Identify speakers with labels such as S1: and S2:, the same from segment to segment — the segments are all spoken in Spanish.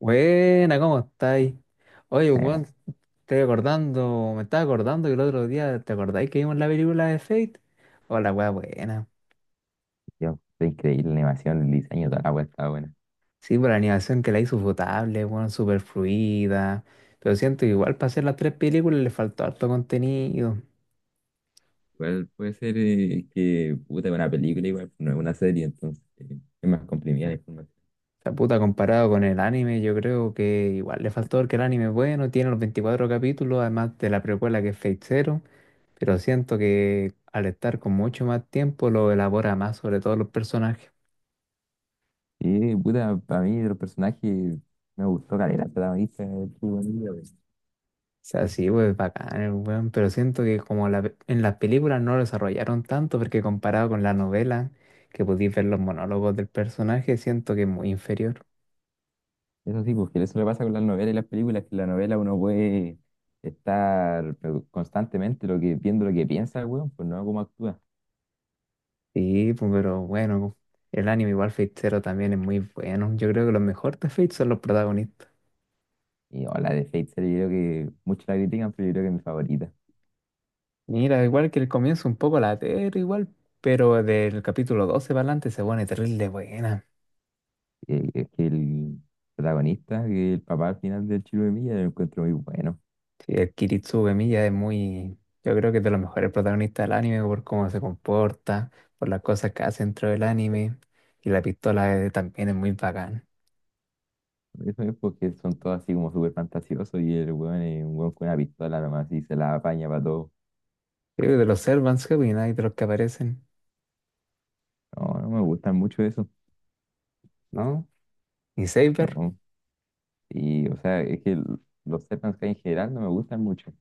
S1: Buena, ¿cómo estáis? Oye,
S2: Eh,
S1: weón, me estaba acordando que el otro día, ¿te acordáis que vimos la película de Fate? Oh, la weá buena.
S2: Fue increíble la animación, el diseño, toda la wea estaba buena.
S1: Sí, por la animación que la hizo potable, weón, súper fluida. Pero siento que igual para hacer las tres películas le faltó harto contenido.
S2: Igual puede ser que puta, es una película, igual no es una serie, entonces es más comprimida la información.
S1: La puta, comparado con el anime, yo creo que igual le faltó porque el anime es bueno, tiene los 24 capítulos, además de la precuela que es Fate Zero. Pero siento que al estar con mucho más tiempo lo elabora más sobre todos los personajes.
S2: Y, puta, para mí de los personajes me gustó caleta, el protagonista, el chico bonito, pues.
S1: O sea, sí, pues bacán, el weón, pero siento que como en las películas no lo desarrollaron tanto, porque comparado con la novela, que podéis ver los monólogos del personaje, siento que es muy inferior.
S2: Eso sí, porque eso le pasa con las novelas y las películas, que en la novela uno puede estar constantemente viendo lo que piensa el weón, pues no cómo actúa.
S1: Sí, pues, pero bueno, el anime igual Fate Zero también es muy bueno. Yo creo que los mejores de Fate son los protagonistas.
S2: O la de Fate Zero, yo creo que muchos la critican, pero yo creo que es mi favorita.
S1: Mira, igual que el comienzo un poco latero, igual, pero del capítulo 12 para adelante se pone terrible buena.
S2: Es que el protagonista, que el papá al final del Chilo de Milla, lo encuentro muy bueno.
S1: Sí, el Kiritsu Uemiya es muy, yo creo que es de los mejores protagonistas del anime por cómo se comporta, por las cosas que hace dentro del anime y la pistola también es muy bacán.
S2: Eso es porque son todos así como súper fantasiosos y el weón es un weón con una pistola nomás y se la apaña para todo.
S1: Creo que de los Servants, ¿qué opináis de los que aparecen?
S2: No, no me gustan mucho eso.
S1: ¿No? ¿Y Saber?
S2: No. Y, o sea, los Serpents Kai en general no me gustan mucho,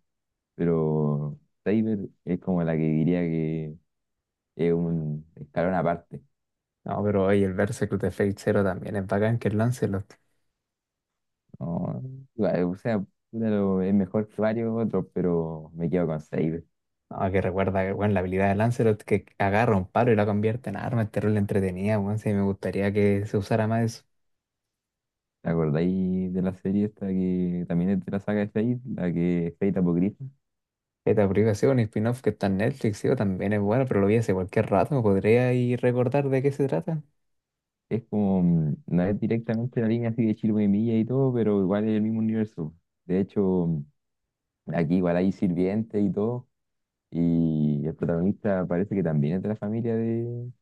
S2: pero Saber es como la que diría que es un escalón aparte.
S1: No, pero oye, el Berserk de Fate Zero también es bacán que es Lancelot.
S2: No, igual, o sea, puta, es mejor que varios otros, pero me quedo con Saber.
S1: No, que recuerda que, bueno, la habilidad de Lancelot que agarra un palo y la convierte en arma, es terrible entretenida, bueno, sí, me gustaría que se usara más eso.
S2: ¿Te acordáis de la serie esta que también es de la saga de Fate, la que es Fate Apocrypha?
S1: Esta aplicación, un spin-off que está en Netflix, sí, también es bueno, pero lo vi hace cualquier rato, ¿me podría ir recordar de qué se trata?
S2: Es como, no es directamente la línea así de Chirú y Milla y todo, pero igual es el mismo universo. De hecho, aquí igual hay sirvientes y todo, y el protagonista parece que también es de la familia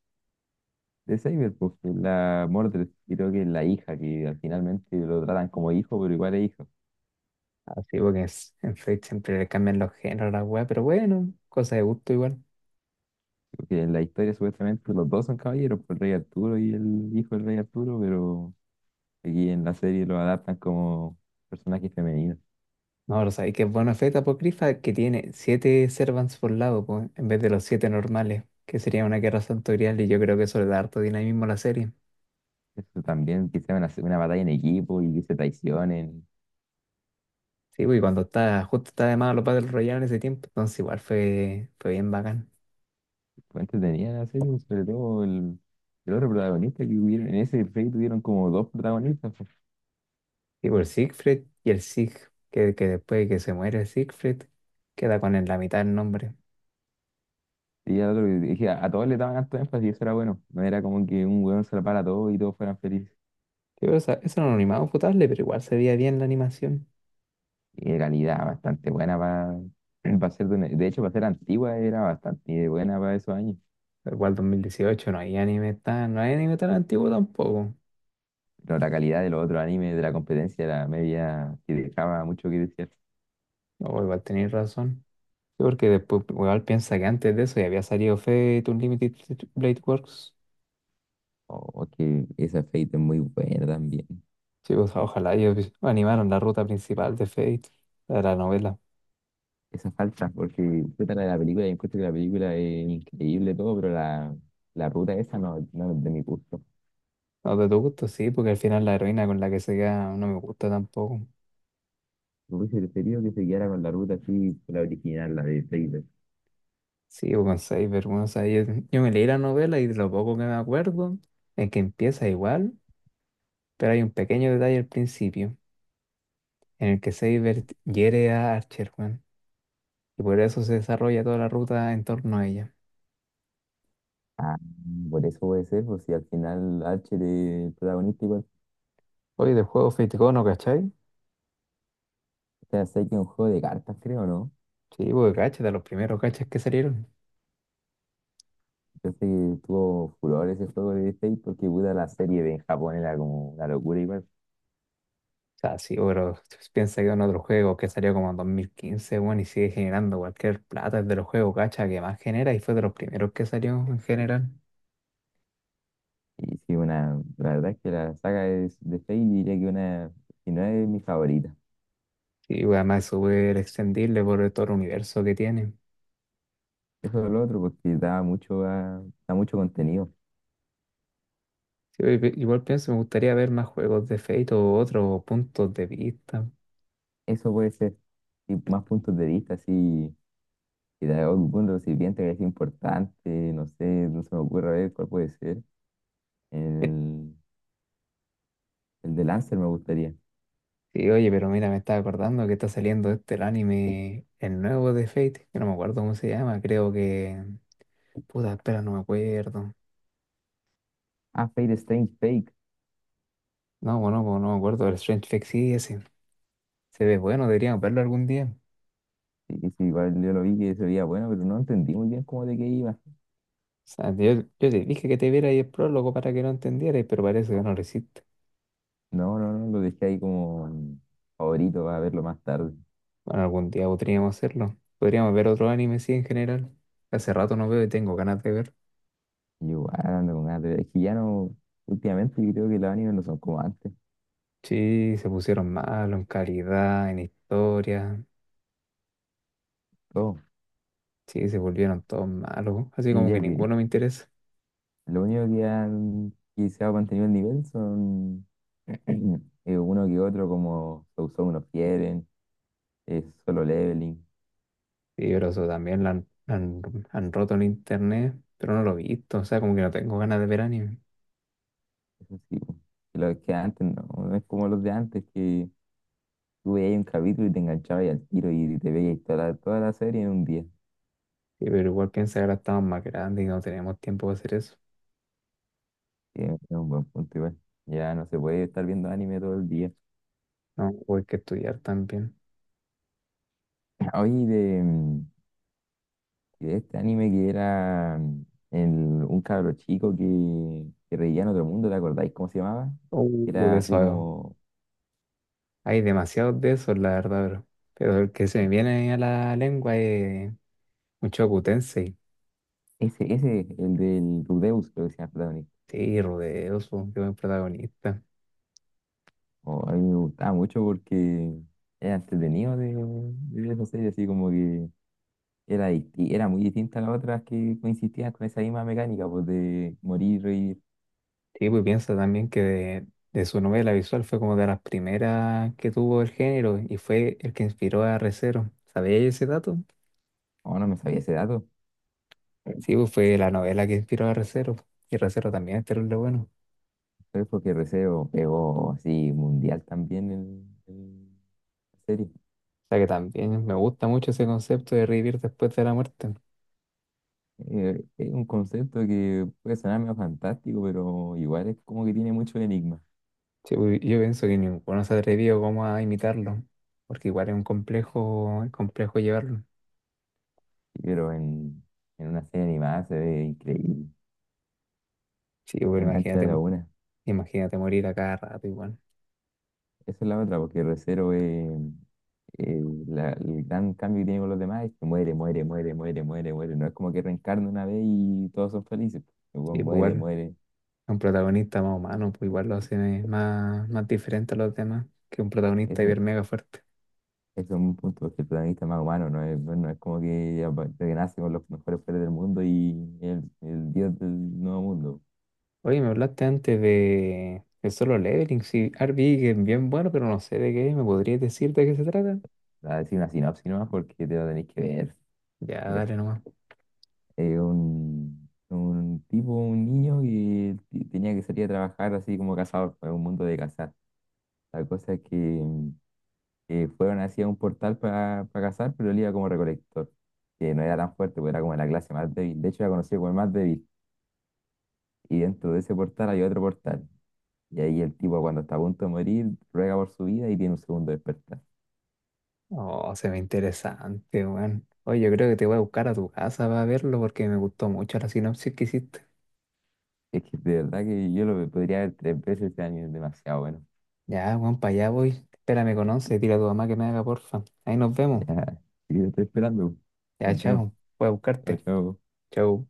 S2: de Saber, pues que es la Mordred, creo que es la hija, que al finalmente lo tratan como hijo, pero igual es hijo.
S1: Así porque es- en Fate siempre le cambian los géneros a la weá, pero bueno, cosa de gusto igual.
S2: Porque en la historia supuestamente los dos son caballeros, pues, el rey Arturo y el hijo del rey Arturo, pero... Aquí en la serie lo adaptan como personajes femeninos.
S1: No, pero sabéis que es bueno Fate Apocrypha que tiene siete servants por lado, po, en vez de los siete normales, que sería una guerra santorial y yo creo que eso le da harto dinamismo a la serie.
S2: Eso también, que sea una batalla en equipo y que se traicionen.
S1: Sí, pues, y cuando está, justo está de moda los Battle Royale en ese tiempo, entonces igual fue, bien bacán.
S2: Fue entretenida la serie, sobre todo el otro protagonista que hubieron. En ese play tuvieron como dos protagonistas, pues.
S1: Y por Siegfried y el Sig, que después de que se muere Siegfried, queda con el- la mitad del nombre.
S2: Y al otro, dije, a todos les daban alto énfasis y eso era bueno. No era como que un weón se la para todo y todos fueran felices.
S1: Sí, pero esa- eso era un animado potable, pero igual se veía bien la animación.
S2: Y de calidad bastante buena para de hecho, para ser antigua era bastante buena para esos años.
S1: Pero igual 2018 no hay anime tan, no hay anime tan antiguo tampoco.
S2: Pero la calidad de los otros animes de la competencia era media que dejaba mucho que desear.
S1: O igual tenéis razón. Sí, porque después igual piensa que antes de eso ya había salido Fate Unlimited Blade Works.
S2: Oh, que esa Fate es muy buena también.
S1: Sí, pues ojalá ellos animaron la ruta principal de Fate, la de la novela.
S2: Esa falta, porque puta la de la película, yo encuentro que la película es increíble todo, pero la ruta esa no, no es de mi gusto.
S1: No, de tu gusto sí, porque al final la heroína con la que se queda no me gusta tampoco.
S2: Me hubiese preferido que se quedara con la ruta así, la original, la de Fate.
S1: Sí, o con Cyber, bueno, o yo me leí la novela y de lo poco que me acuerdo es que empieza igual, pero hay un pequeño detalle al principio en el que Saber hiere a Archer, weón, y por eso se desarrolla toda la ruta en torno a ella.
S2: Ah, por eso puede ser, pues si al final H de protagonista igual.
S1: Oye, del juego Fate Go, ¿no cachai?
S2: O sea, sé que es un juego de cartas, creo, ¿no?
S1: Sí, porque cacha, de los primeros cachas que salieron.
S2: Yo sé que tuvo furor ese juego de Fate porque puta la serie de en Japón era como una locura igual.
S1: O sea, sí, pero piensa que en otro juego que salió como en 2015, weón, y sigue generando cualquier plata, es de los juegos cacha que más genera y fue de los primeros que salió en general.
S2: Y sí, la verdad es que la saga es de Fate diría que una, si no es mi favorita.
S1: Y bueno, además es súper extendible por todo el universo que tiene.
S2: Eso es lo otro, porque da mucho, da mucho contenido.
S1: Sí, pues, igual pienso, me gustaría ver más juegos de Fate o otros puntos de vista.
S2: Eso puede ser y más puntos de vista, así, y de algún recipiente que es importante, no sé, no se me ocurre a ver cuál puede ser. El, el de Lancer me gustaría.
S1: Sí, oye, pero mira, me estaba acordando que está saliendo este el anime, el nuevo de Fate, que no me acuerdo cómo se llama, creo que... Puta, espera, no me acuerdo.
S2: Ah, Fate Strange Fake.
S1: No, bueno, pues, no me acuerdo, el Strange Fate sí, ese. Se ve bueno, deberíamos verlo algún día. O
S2: Sí, sí, igual yo lo vi que se veía bueno, pero no entendí muy bien cómo de qué iba.
S1: sea, yo, te dije que te viera ahí el prólogo para que lo entendieras, pero parece que no lo hiciste.
S2: No, no, no, lo dejé ahí como favorito para verlo más tarde.
S1: Bueno, algún día podríamos hacerlo. Podríamos ver otro anime, sí, en general. Hace rato no veo y tengo ganas de ver.
S2: Y igual ando con ganas de ver. Es que ya no, últimamente yo creo que los animes no son como antes.
S1: Sí, se pusieron malos en calidad, en historia.
S2: Todo.
S1: Sí, se volvieron todos malos. Así
S2: Y
S1: como
S2: diría
S1: que
S2: que
S1: ninguno me interesa.
S2: lo único que han quizá se ha mantenido el nivel son uno que otro como Sousou no quieren, Solo Leveling,
S1: Sí, pero eso también lo han roto en internet, pero no lo he visto. O sea, como que no tengo ganas de ver anime.
S2: eso sí, po. Y los que antes no, no es como los de antes que tú veías un capítulo y te enganchabas y al tiro y te veías toda toda la serie en un día.
S1: Sí, pero igual piensa que ahora estamos más grandes y no tenemos tiempo de hacer eso.
S2: Que es un buen punto igual. Ya no se puede estar viendo anime todo el día.
S1: No, o hay que estudiar también.
S2: hoy de, y de este anime que era un cabro chico que reía en otro mundo, ¿te acordáis cómo se llamaba?
S1: De
S2: Era así
S1: eso,
S2: como
S1: hay demasiados de esos, la verdad, bro. Pero el que se me viene a la lengua es Mushoku Tensei.
S2: ese, el del Rudeus, creo que se llama el protagonista.
S1: Sí, Rodeo, su que es el protagonista.
S2: O a mí me gustaba mucho porque era entretenido de ver esa serie, así como que era, era muy distinta a las otras que coincidían con esa misma mecánica, pues de morir, reír.
S1: Sí, pues piensa también que de, su novela visual fue como de las primeras que tuvo el género y fue el que inspiró a Re:Zero. ¿Sabías ese dato?
S2: No, no me sabía ese dato.
S1: Sí, pues fue la novela que inspiró a Re:Zero. Y Re:Zero también es terrible bueno.
S2: Pero es porque Receo pegó así mundial también en la serie.
S1: O sea que también me gusta mucho ese concepto de revivir después de la muerte.
S2: Es un concepto que puede sonar medio fantástico, pero igual es como que tiene mucho enigma.
S1: Sí, pues, yo pienso que ninguno se atrevió como a imitarlo, porque igual es un complejo, es complejo llevarlo.
S2: Pero en una serie animada se ve increíble,
S1: Sí, pues
S2: te engancha
S1: imagínate,
S2: de la una.
S1: imagínate morir a cada rato igual.
S2: Esa es la otra, porque Re:Zero es eh, el gran cambio que tiene con los demás es que muere, muere, muere, muere, muere, muere. No es como que reencarna una vez y todos son felices. El weón
S1: Sí, pues
S2: muere,
S1: igual
S2: muere.
S1: un protagonista más humano, pues igual lo hace más, más diferente a los demás que un protagonista hiper
S2: Eso
S1: mega fuerte.
S2: es un punto, porque el protagonista es más humano, no es como que que nace con los mejores poderes del mundo y el dios del nuevo mundo.
S1: Oye, me hablaste antes de, Solo Leveling, sí, Arby, que es bien bueno, pero no sé de qué, ¿me podrías decir de qué se trata?
S2: Voy a decir una sinopsis nomás porque te lo tenéis que ver.
S1: Ya,
S2: Mira,
S1: dale nomás.
S2: un tipo, un niño que tenía que salir a trabajar así como cazador, fue un mundo de cazar. La cosa es que, que fueron hacia un portal para cazar, pero él iba como recolector, que no era tan fuerte, porque era como la clase más débil. De hecho, era conocido como el más débil. Y dentro de ese portal hay otro portal. Y ahí el tipo, cuando está a punto de morir, ruega por su vida y tiene un segundo despertar.
S1: Oh, se ve interesante, weón. Oye, yo creo que te voy a buscar a tu casa para verlo porque me gustó mucho la sinopsis que hiciste.
S2: Es que de verdad que yo lo podría ver tres veces este año, es demasiado bueno.
S1: Ya, weón, para allá voy. Espérame con once, dile a tu mamá que me haga porfa. Ahí nos vemos.
S2: Ya, y te estoy esperando.
S1: Ya,
S2: Nos vemos.
S1: chao. Voy a
S2: Chao,
S1: buscarte.
S2: chao.
S1: Chao.